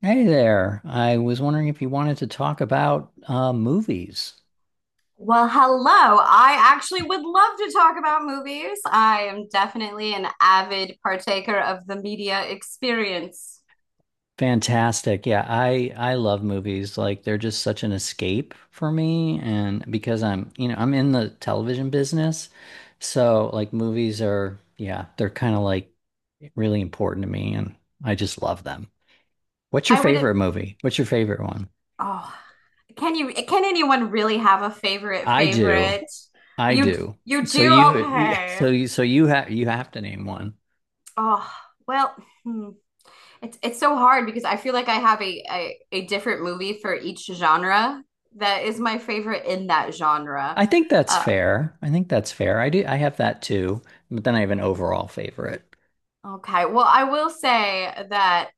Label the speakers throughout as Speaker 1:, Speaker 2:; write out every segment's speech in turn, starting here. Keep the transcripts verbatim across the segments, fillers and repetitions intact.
Speaker 1: Hey there. I was wondering if you wanted to talk about uh, movies.
Speaker 2: Well, hello. I actually would love to talk about movies. I am definitely an avid partaker of the media experience.
Speaker 1: Fantastic. Yeah, I I love movies. Like they're just such an escape for me and because I'm, you know, I'm in the television business. So like movies are, yeah, they're kind of like really important to me and I just love them. What's your
Speaker 2: I would,
Speaker 1: favorite movie? What's your favorite one?
Speaker 2: oh, can you, can anyone really have a favorite
Speaker 1: I do.
Speaker 2: favorite?
Speaker 1: I
Speaker 2: You,
Speaker 1: do.
Speaker 2: you
Speaker 1: So
Speaker 2: do?
Speaker 1: you
Speaker 2: Okay.
Speaker 1: so you so you have you have to name one.
Speaker 2: Oh, well, hmm. It's it's so hard because I feel like I have a, a a different movie for each genre that is my favorite in that genre.
Speaker 1: I think that's
Speaker 2: Uh,
Speaker 1: fair. I think that's fair. I do. I have that too, but then I have an overall favorite.
Speaker 2: okay. Well, I will say that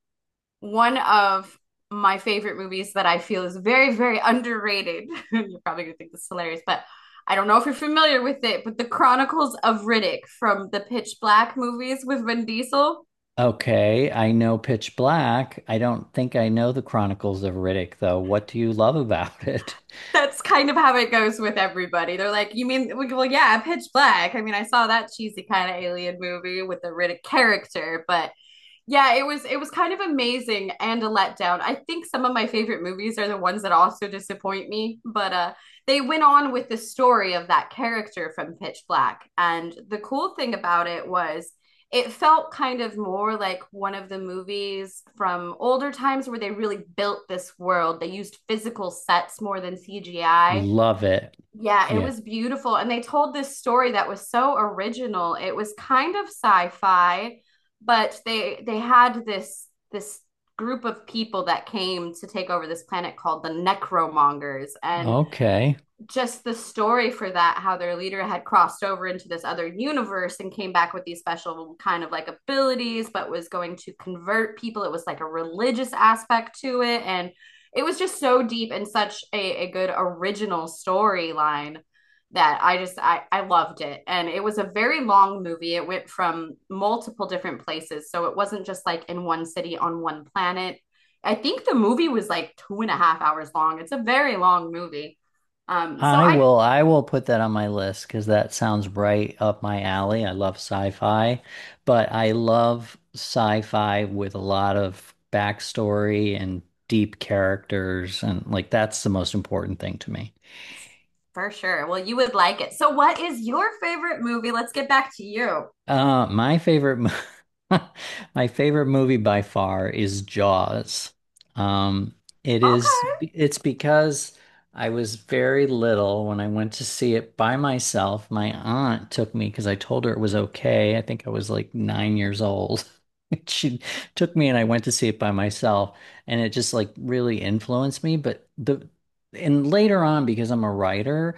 Speaker 2: one of my favorite movies that I feel is very, very underrated. You're probably gonna think this is hilarious, but I don't know if you're familiar with it, but The Chronicles of Riddick from the Pitch Black movies with Vin Diesel.
Speaker 1: Okay, I know Pitch Black. I don't think I know the Chronicles of Riddick though. What do you love about it?
Speaker 2: That's kind of how it goes with everybody. They're like, you mean, well, yeah, Pitch Black. I mean, I saw that cheesy kind of alien movie with the Riddick character, but yeah, it was it was kind of amazing and a letdown. I think some of my favorite movies are the ones that also disappoint me, but uh they went on with the story of that character from Pitch Black. And the cool thing about it was it felt kind of more like one of the movies from older times where they really built this world. They used physical sets more than C G I,
Speaker 1: Love it.
Speaker 2: yeah, it
Speaker 1: Yeah.
Speaker 2: was beautiful. And they told this story that was so original. It was kind of sci-fi, but they they had this this group of people that came to take over this planet called the Necromongers. And
Speaker 1: Okay.
Speaker 2: just the story for that, how their leader had crossed over into this other universe and came back with these special kind of like abilities, but was going to convert people. It was like a religious aspect to it. And it was just so deep and such a, a good original storyline that i just I, I loved it. And it was a very long movie. It went from multiple different places, so it wasn't just like in one city on one planet. I think the movie was like two and a half hours long. It's a very long movie. Um, so
Speaker 1: I
Speaker 2: I
Speaker 1: will I will put that on my list because that sounds right up my alley. I love sci-fi, but I love sci-fi with a lot of backstory and deep characters and like that's the most important thing to me.
Speaker 2: For sure. Well, you would like it. So what is your favorite movie? Let's get back to you.
Speaker 1: Uh, my favorite, mo- my favorite movie by far is Jaws. Um, it is,
Speaker 2: Okay.
Speaker 1: it's because I was very little when I went to see it by myself. My aunt took me because I told her it was okay. I think I was like nine years old. She took me and I went to see it by myself, and it just like really influenced me. But the, and later on, because I'm a writer.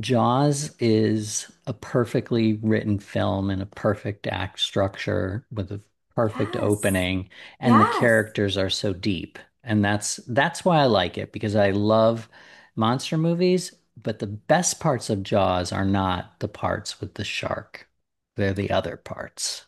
Speaker 1: Jaws is a perfectly written film and a perfect act structure with a perfect
Speaker 2: Yes.
Speaker 1: opening, and the
Speaker 2: Yes.
Speaker 1: characters are so deep. And that's that's why I like it because I love monster movies, but the best parts of Jaws are not the parts with the shark. They're the other parts.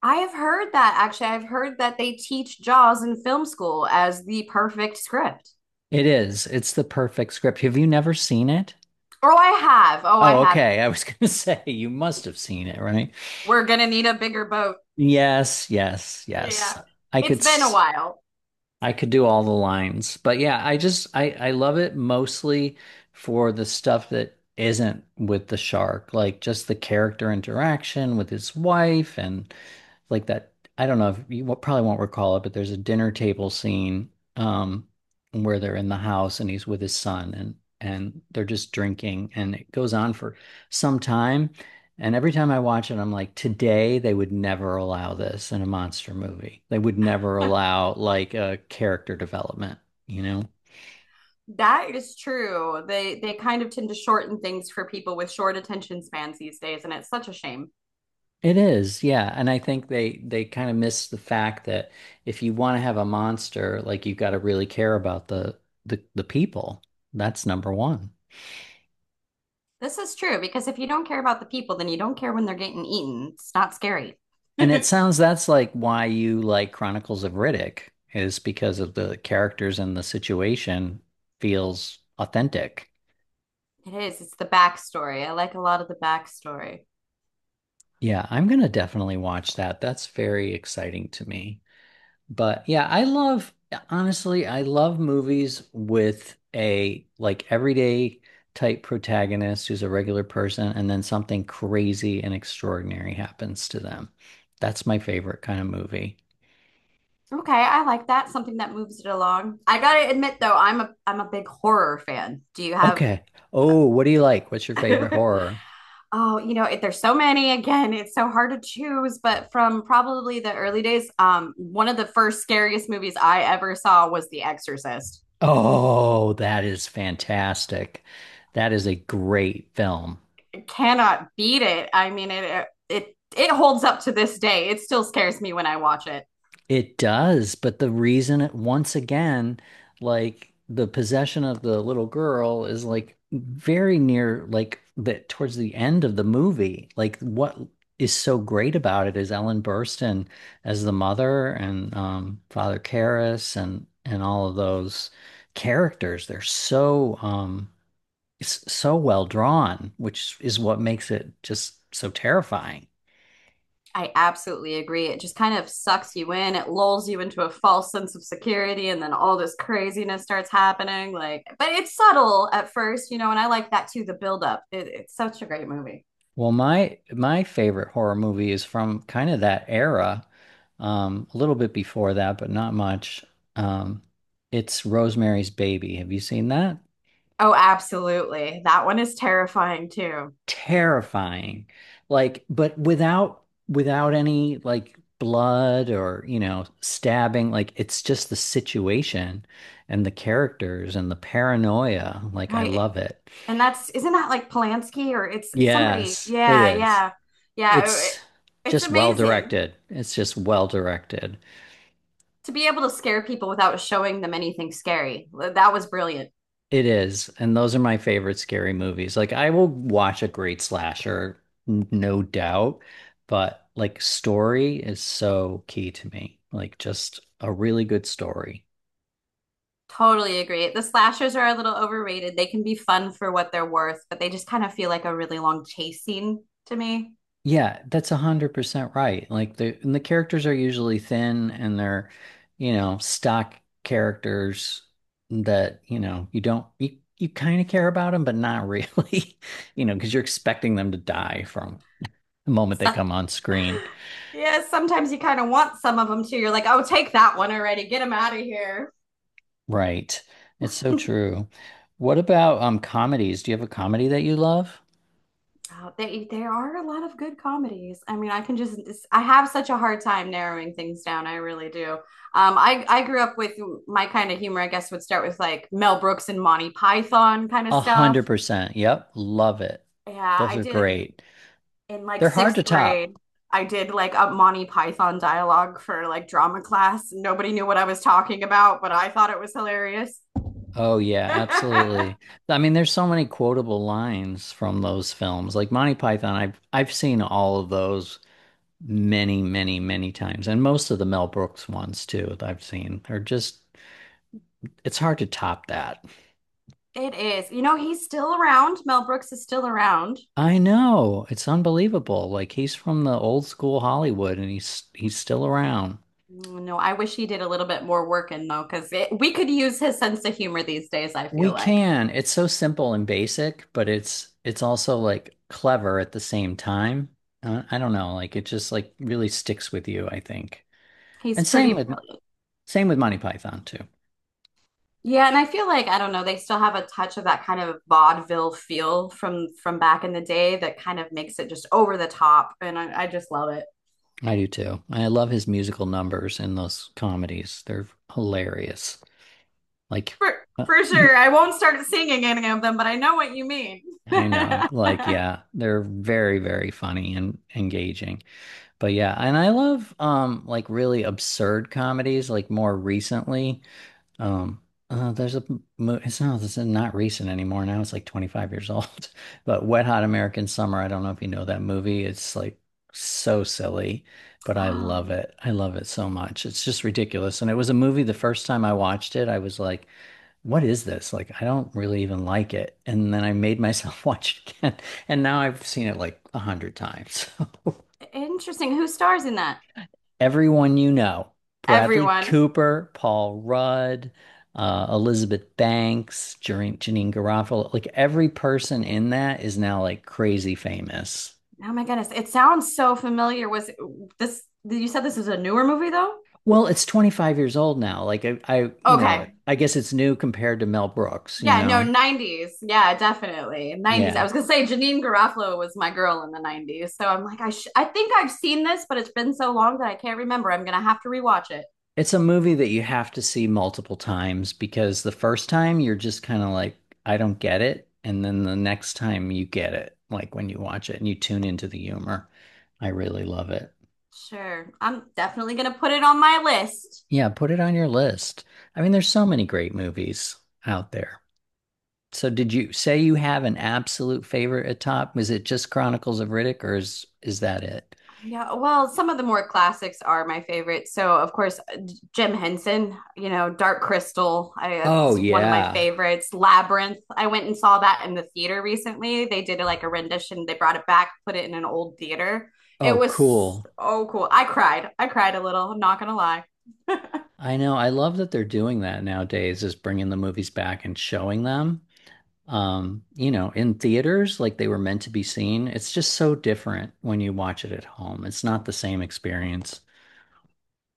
Speaker 2: I have heard that actually. I've heard that they teach Jaws in film school as the perfect script.
Speaker 1: It is. It's the perfect script. Have you never seen it?
Speaker 2: Oh, I have. Oh, I
Speaker 1: Oh,
Speaker 2: have.
Speaker 1: okay. I was going to say you must have seen it, right?
Speaker 2: We're gonna need a bigger boat.
Speaker 1: Yes, yes, yes.
Speaker 2: Yeah.
Speaker 1: I
Speaker 2: It's
Speaker 1: could.
Speaker 2: been a while.
Speaker 1: I could do all the lines. But yeah, I just I I love it mostly for the stuff that isn't with the shark, like just the character interaction with his wife and like that. I don't know if you wo- probably won't recall it, but there's a dinner table scene um, where they're in the house and he's with his son and and they're just drinking and it goes on for some time. And every time I watch it, I'm like, today they would never allow this in a monster movie. They would never allow like a character development, you know?
Speaker 2: That is true. They they kind of tend to shorten things for people with short attention spans these days, and it's such a shame.
Speaker 1: It is, yeah. And I think they they kind of miss the fact that if you want to have a monster, like you've got to really care about the the the people. That's number one.
Speaker 2: This is true because if you don't care about the people, then you don't care when they're getting eaten. It's not scary.
Speaker 1: And it sounds that's like why you like Chronicles of Riddick is because of the characters and the situation feels authentic.
Speaker 2: It is. It's the backstory. I like a lot of the backstory.
Speaker 1: Yeah, I'm gonna definitely watch that. That's very exciting to me. But yeah, I love, honestly, I love movies with a like everyday type protagonist who's a regular person and then something crazy and extraordinary happens to them. That's my favorite kind of movie.
Speaker 2: Okay, I like that. Something that moves it along. I gotta admit though, I'm a I'm a big horror fan. Do you have
Speaker 1: Okay. Oh, what do you like? What's your favorite horror?
Speaker 2: oh, you know, it, there's so many again. It's so hard to choose, but from probably the early days, um, one of the first scariest movies I ever saw was The Exorcist.
Speaker 1: Oh, that is fantastic. That is a great film.
Speaker 2: It cannot beat it. I mean, it it it holds up to this day. It still scares me when I watch it.
Speaker 1: It does, but the reason it once again, like the possession of the little girl is like very near like the towards the end of the movie. Like what is so great about it is Ellen Burstyn as the mother and um, Father Karras and and all of those characters. They're so um s- so well drawn, which is what makes it just so terrifying.
Speaker 2: I absolutely agree. It just kind of sucks you in. It lulls you into a false sense of security, and then all this craziness starts happening. Like, but it's subtle at first, you know, and I like that too, the buildup. It, it's such a great movie.
Speaker 1: Well, my my favorite horror movie is from kind of that era, um, a little bit before that, but not much. Um, it's Rosemary's Baby. Have you seen that?
Speaker 2: Oh, absolutely. That one is terrifying too,
Speaker 1: Terrifying. Like, but without without any like blood or, you know, stabbing. Like it's just the situation and the characters and the paranoia. Like I
Speaker 2: right?
Speaker 1: love it.
Speaker 2: And that's, isn't that like Polanski or it's somebody?
Speaker 1: Yes, it
Speaker 2: Yeah,
Speaker 1: is.
Speaker 2: yeah, yeah. It-
Speaker 1: It's
Speaker 2: it's
Speaker 1: just well
Speaker 2: amazing
Speaker 1: directed. It's just well directed.
Speaker 2: to be able to scare people without showing them anything scary. That was brilliant.
Speaker 1: It is, and those are my favorite scary movies. Like I will watch a great slasher, n- no doubt, but like story is so key to me. Like just a really good story.
Speaker 2: Totally agree. The slashers are a little overrated. They can be fun for what they're worth, but they just kind of feel like a really long chase scene to me.
Speaker 1: Yeah, that's a hundred percent right. Like the and the characters are usually thin and they're, you know, stock characters that, you know, you don't you, you kind of care about them, but not really, you know, because you're expecting them to die from the moment they
Speaker 2: So,
Speaker 1: come on screen.
Speaker 2: yeah, sometimes you kind of want some of them too. You're like, oh, take that one already. Get them out of here.
Speaker 1: Right. It's so true. What about um comedies? Do you have a comedy that you love?
Speaker 2: Oh, they there are a lot of good comedies. I mean, I can just I have such a hard time narrowing things down. I really do. Um, I I grew up with my kind of humor. I guess would start with like Mel Brooks and Monty Python kind of
Speaker 1: A
Speaker 2: stuff.
Speaker 1: hundred percent. Yep. Love it.
Speaker 2: Yeah,
Speaker 1: Those
Speaker 2: I
Speaker 1: are
Speaker 2: did
Speaker 1: great.
Speaker 2: in like
Speaker 1: They're hard to
Speaker 2: sixth
Speaker 1: top.
Speaker 2: grade. I did like a Monty Python dialogue for like drama class. Nobody knew what I was talking about, but I thought it was hilarious.
Speaker 1: Oh yeah, absolutely. I mean, there's so many quotable lines from those films. Like Monty Python, I've I've seen all of those many, many, many times. And most of the Mel Brooks ones too, that I've seen are just it's hard to top that.
Speaker 2: It is. You know, he's still around. Mel Brooks is still around.
Speaker 1: I know. It's unbelievable. Like he's from the old school Hollywood and he's he's still around.
Speaker 2: Mm, No, I wish he did a little bit more work in though, because we could use his sense of humor these days, I
Speaker 1: We
Speaker 2: feel like.
Speaker 1: can. It's so simple and basic, but it's it's also like clever at the same time. Uh, I don't know, like it just like really sticks with you, I think.
Speaker 2: He's
Speaker 1: And same
Speaker 2: pretty.
Speaker 1: with same with Monty Python too.
Speaker 2: Yeah, and I feel like I don't know, they still have a touch of that kind of vaudeville feel from from back in the day that kind of makes it just over the top, and I, I just love it.
Speaker 1: I do too. I love his musical numbers in those comedies. They're hilarious. Like
Speaker 2: For
Speaker 1: uh,
Speaker 2: for
Speaker 1: the
Speaker 2: sure. I won't start singing any of them, but I know what you mean.
Speaker 1: I know. Like yeah, they're very, very funny and engaging. But yeah, and I love um like really absurd comedies like more recently. Um uh, there's a mo- it's not this is not recent anymore. Now it's like twenty-five years old. But Wet Hot American Summer, I don't know if you know that movie. It's like so silly, but I love
Speaker 2: Oh,
Speaker 1: it. I love it so much. It's just ridiculous. And it was a movie the first time I watched it, I was like what is this? Like, I don't really even like it. And then I made myself watch it again. And now I've seen it like a hundred times. So
Speaker 2: interesting. Who stars in that?
Speaker 1: everyone you know, Bradley
Speaker 2: Everyone.
Speaker 1: Cooper, Paul Rudd, uh, Elizabeth Banks, Janine, Janine Garofalo, like every person in that is now like crazy famous.
Speaker 2: Oh my goodness. It sounds so familiar. Was it, this You said this is a newer movie though?
Speaker 1: Well, it's twenty-five years old now. Like I, I, you know,
Speaker 2: Okay.
Speaker 1: I guess it's new compared to Mel Brooks, you
Speaker 2: Yeah, no,
Speaker 1: know?
Speaker 2: nineties. Yeah, definitely. nineties. I
Speaker 1: Yeah.
Speaker 2: was gonna say Janine Garofalo was my girl in the nineties. So I'm like, I sh I think I've seen this, but it's been so long that I can't remember. I'm gonna have to rewatch it.
Speaker 1: It's a movie that you have to see multiple times because the first time you're just kind of like, I don't get it. And then the next time you get it, like when you watch it and you tune into the humor. I really love it.
Speaker 2: Sure. I'm definitely gonna put it on my list.
Speaker 1: Yeah, put it on your list. I mean, there's so many great movies out there. So did you say you have an absolute favorite at top? Was it just Chronicles of Riddick or is is that it?
Speaker 2: Yeah, well, some of the more classics are my favorite. So, of course, Jim Henson, you know, Dark Crystal, I uh,
Speaker 1: Oh
Speaker 2: is one of my
Speaker 1: yeah.
Speaker 2: favorites. Labyrinth, I went and saw that in the theater recently. They did like a rendition, they brought it back, put it in an old theater. It
Speaker 1: Oh,
Speaker 2: was
Speaker 1: cool.
Speaker 2: so cool. I cried. I cried a little, I'm not gonna lie.
Speaker 1: I know. I love that they're doing that nowadays, is bringing the movies back and showing them, um, you know, in theaters like they were meant to be seen. It's just so different when you watch it at home. It's not the same experience.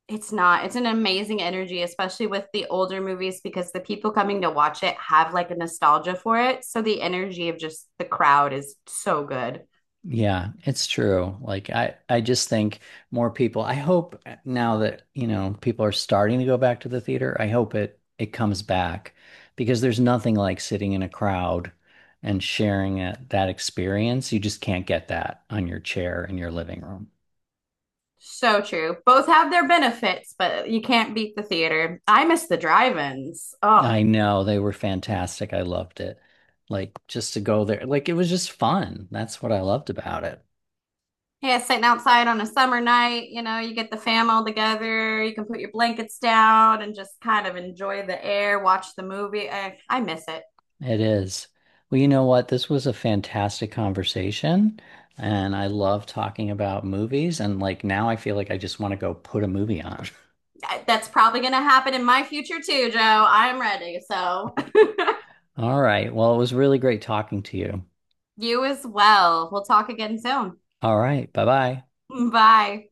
Speaker 2: It's not. It's an amazing energy, especially with the older movies, because the people coming to watch it have like a nostalgia for it. So the energy of just the crowd is so good.
Speaker 1: Yeah, it's true. Like I I just think more people I hope eh, now that, you know, people are starting to go back to the theater, I hope it it comes back because there's nothing like sitting in a crowd and sharing it, that experience. You just can't get that on your chair in your living room.
Speaker 2: So true. Both have their benefits, but you can't beat the theater. I miss the drive-ins. Oh,
Speaker 1: I know they were fantastic. I loved it. Like just to go there, like it was just fun. That's what I loved about it.
Speaker 2: yeah, sitting outside on a summer night, you know, you get the fam all together, you can put your blankets down and just kind of enjoy the air, watch the movie. I, I miss it.
Speaker 1: It is. Well, you know what? This was a fantastic conversation, and I love talking about movies. And like now, I feel like I just want to go put a movie on.
Speaker 2: That's probably going to happen in my future too, Joe. I'm ready. So,
Speaker 1: All right. Well, it was really great talking to you.
Speaker 2: you as well. We'll talk again soon.
Speaker 1: All right. Bye bye.
Speaker 2: Bye.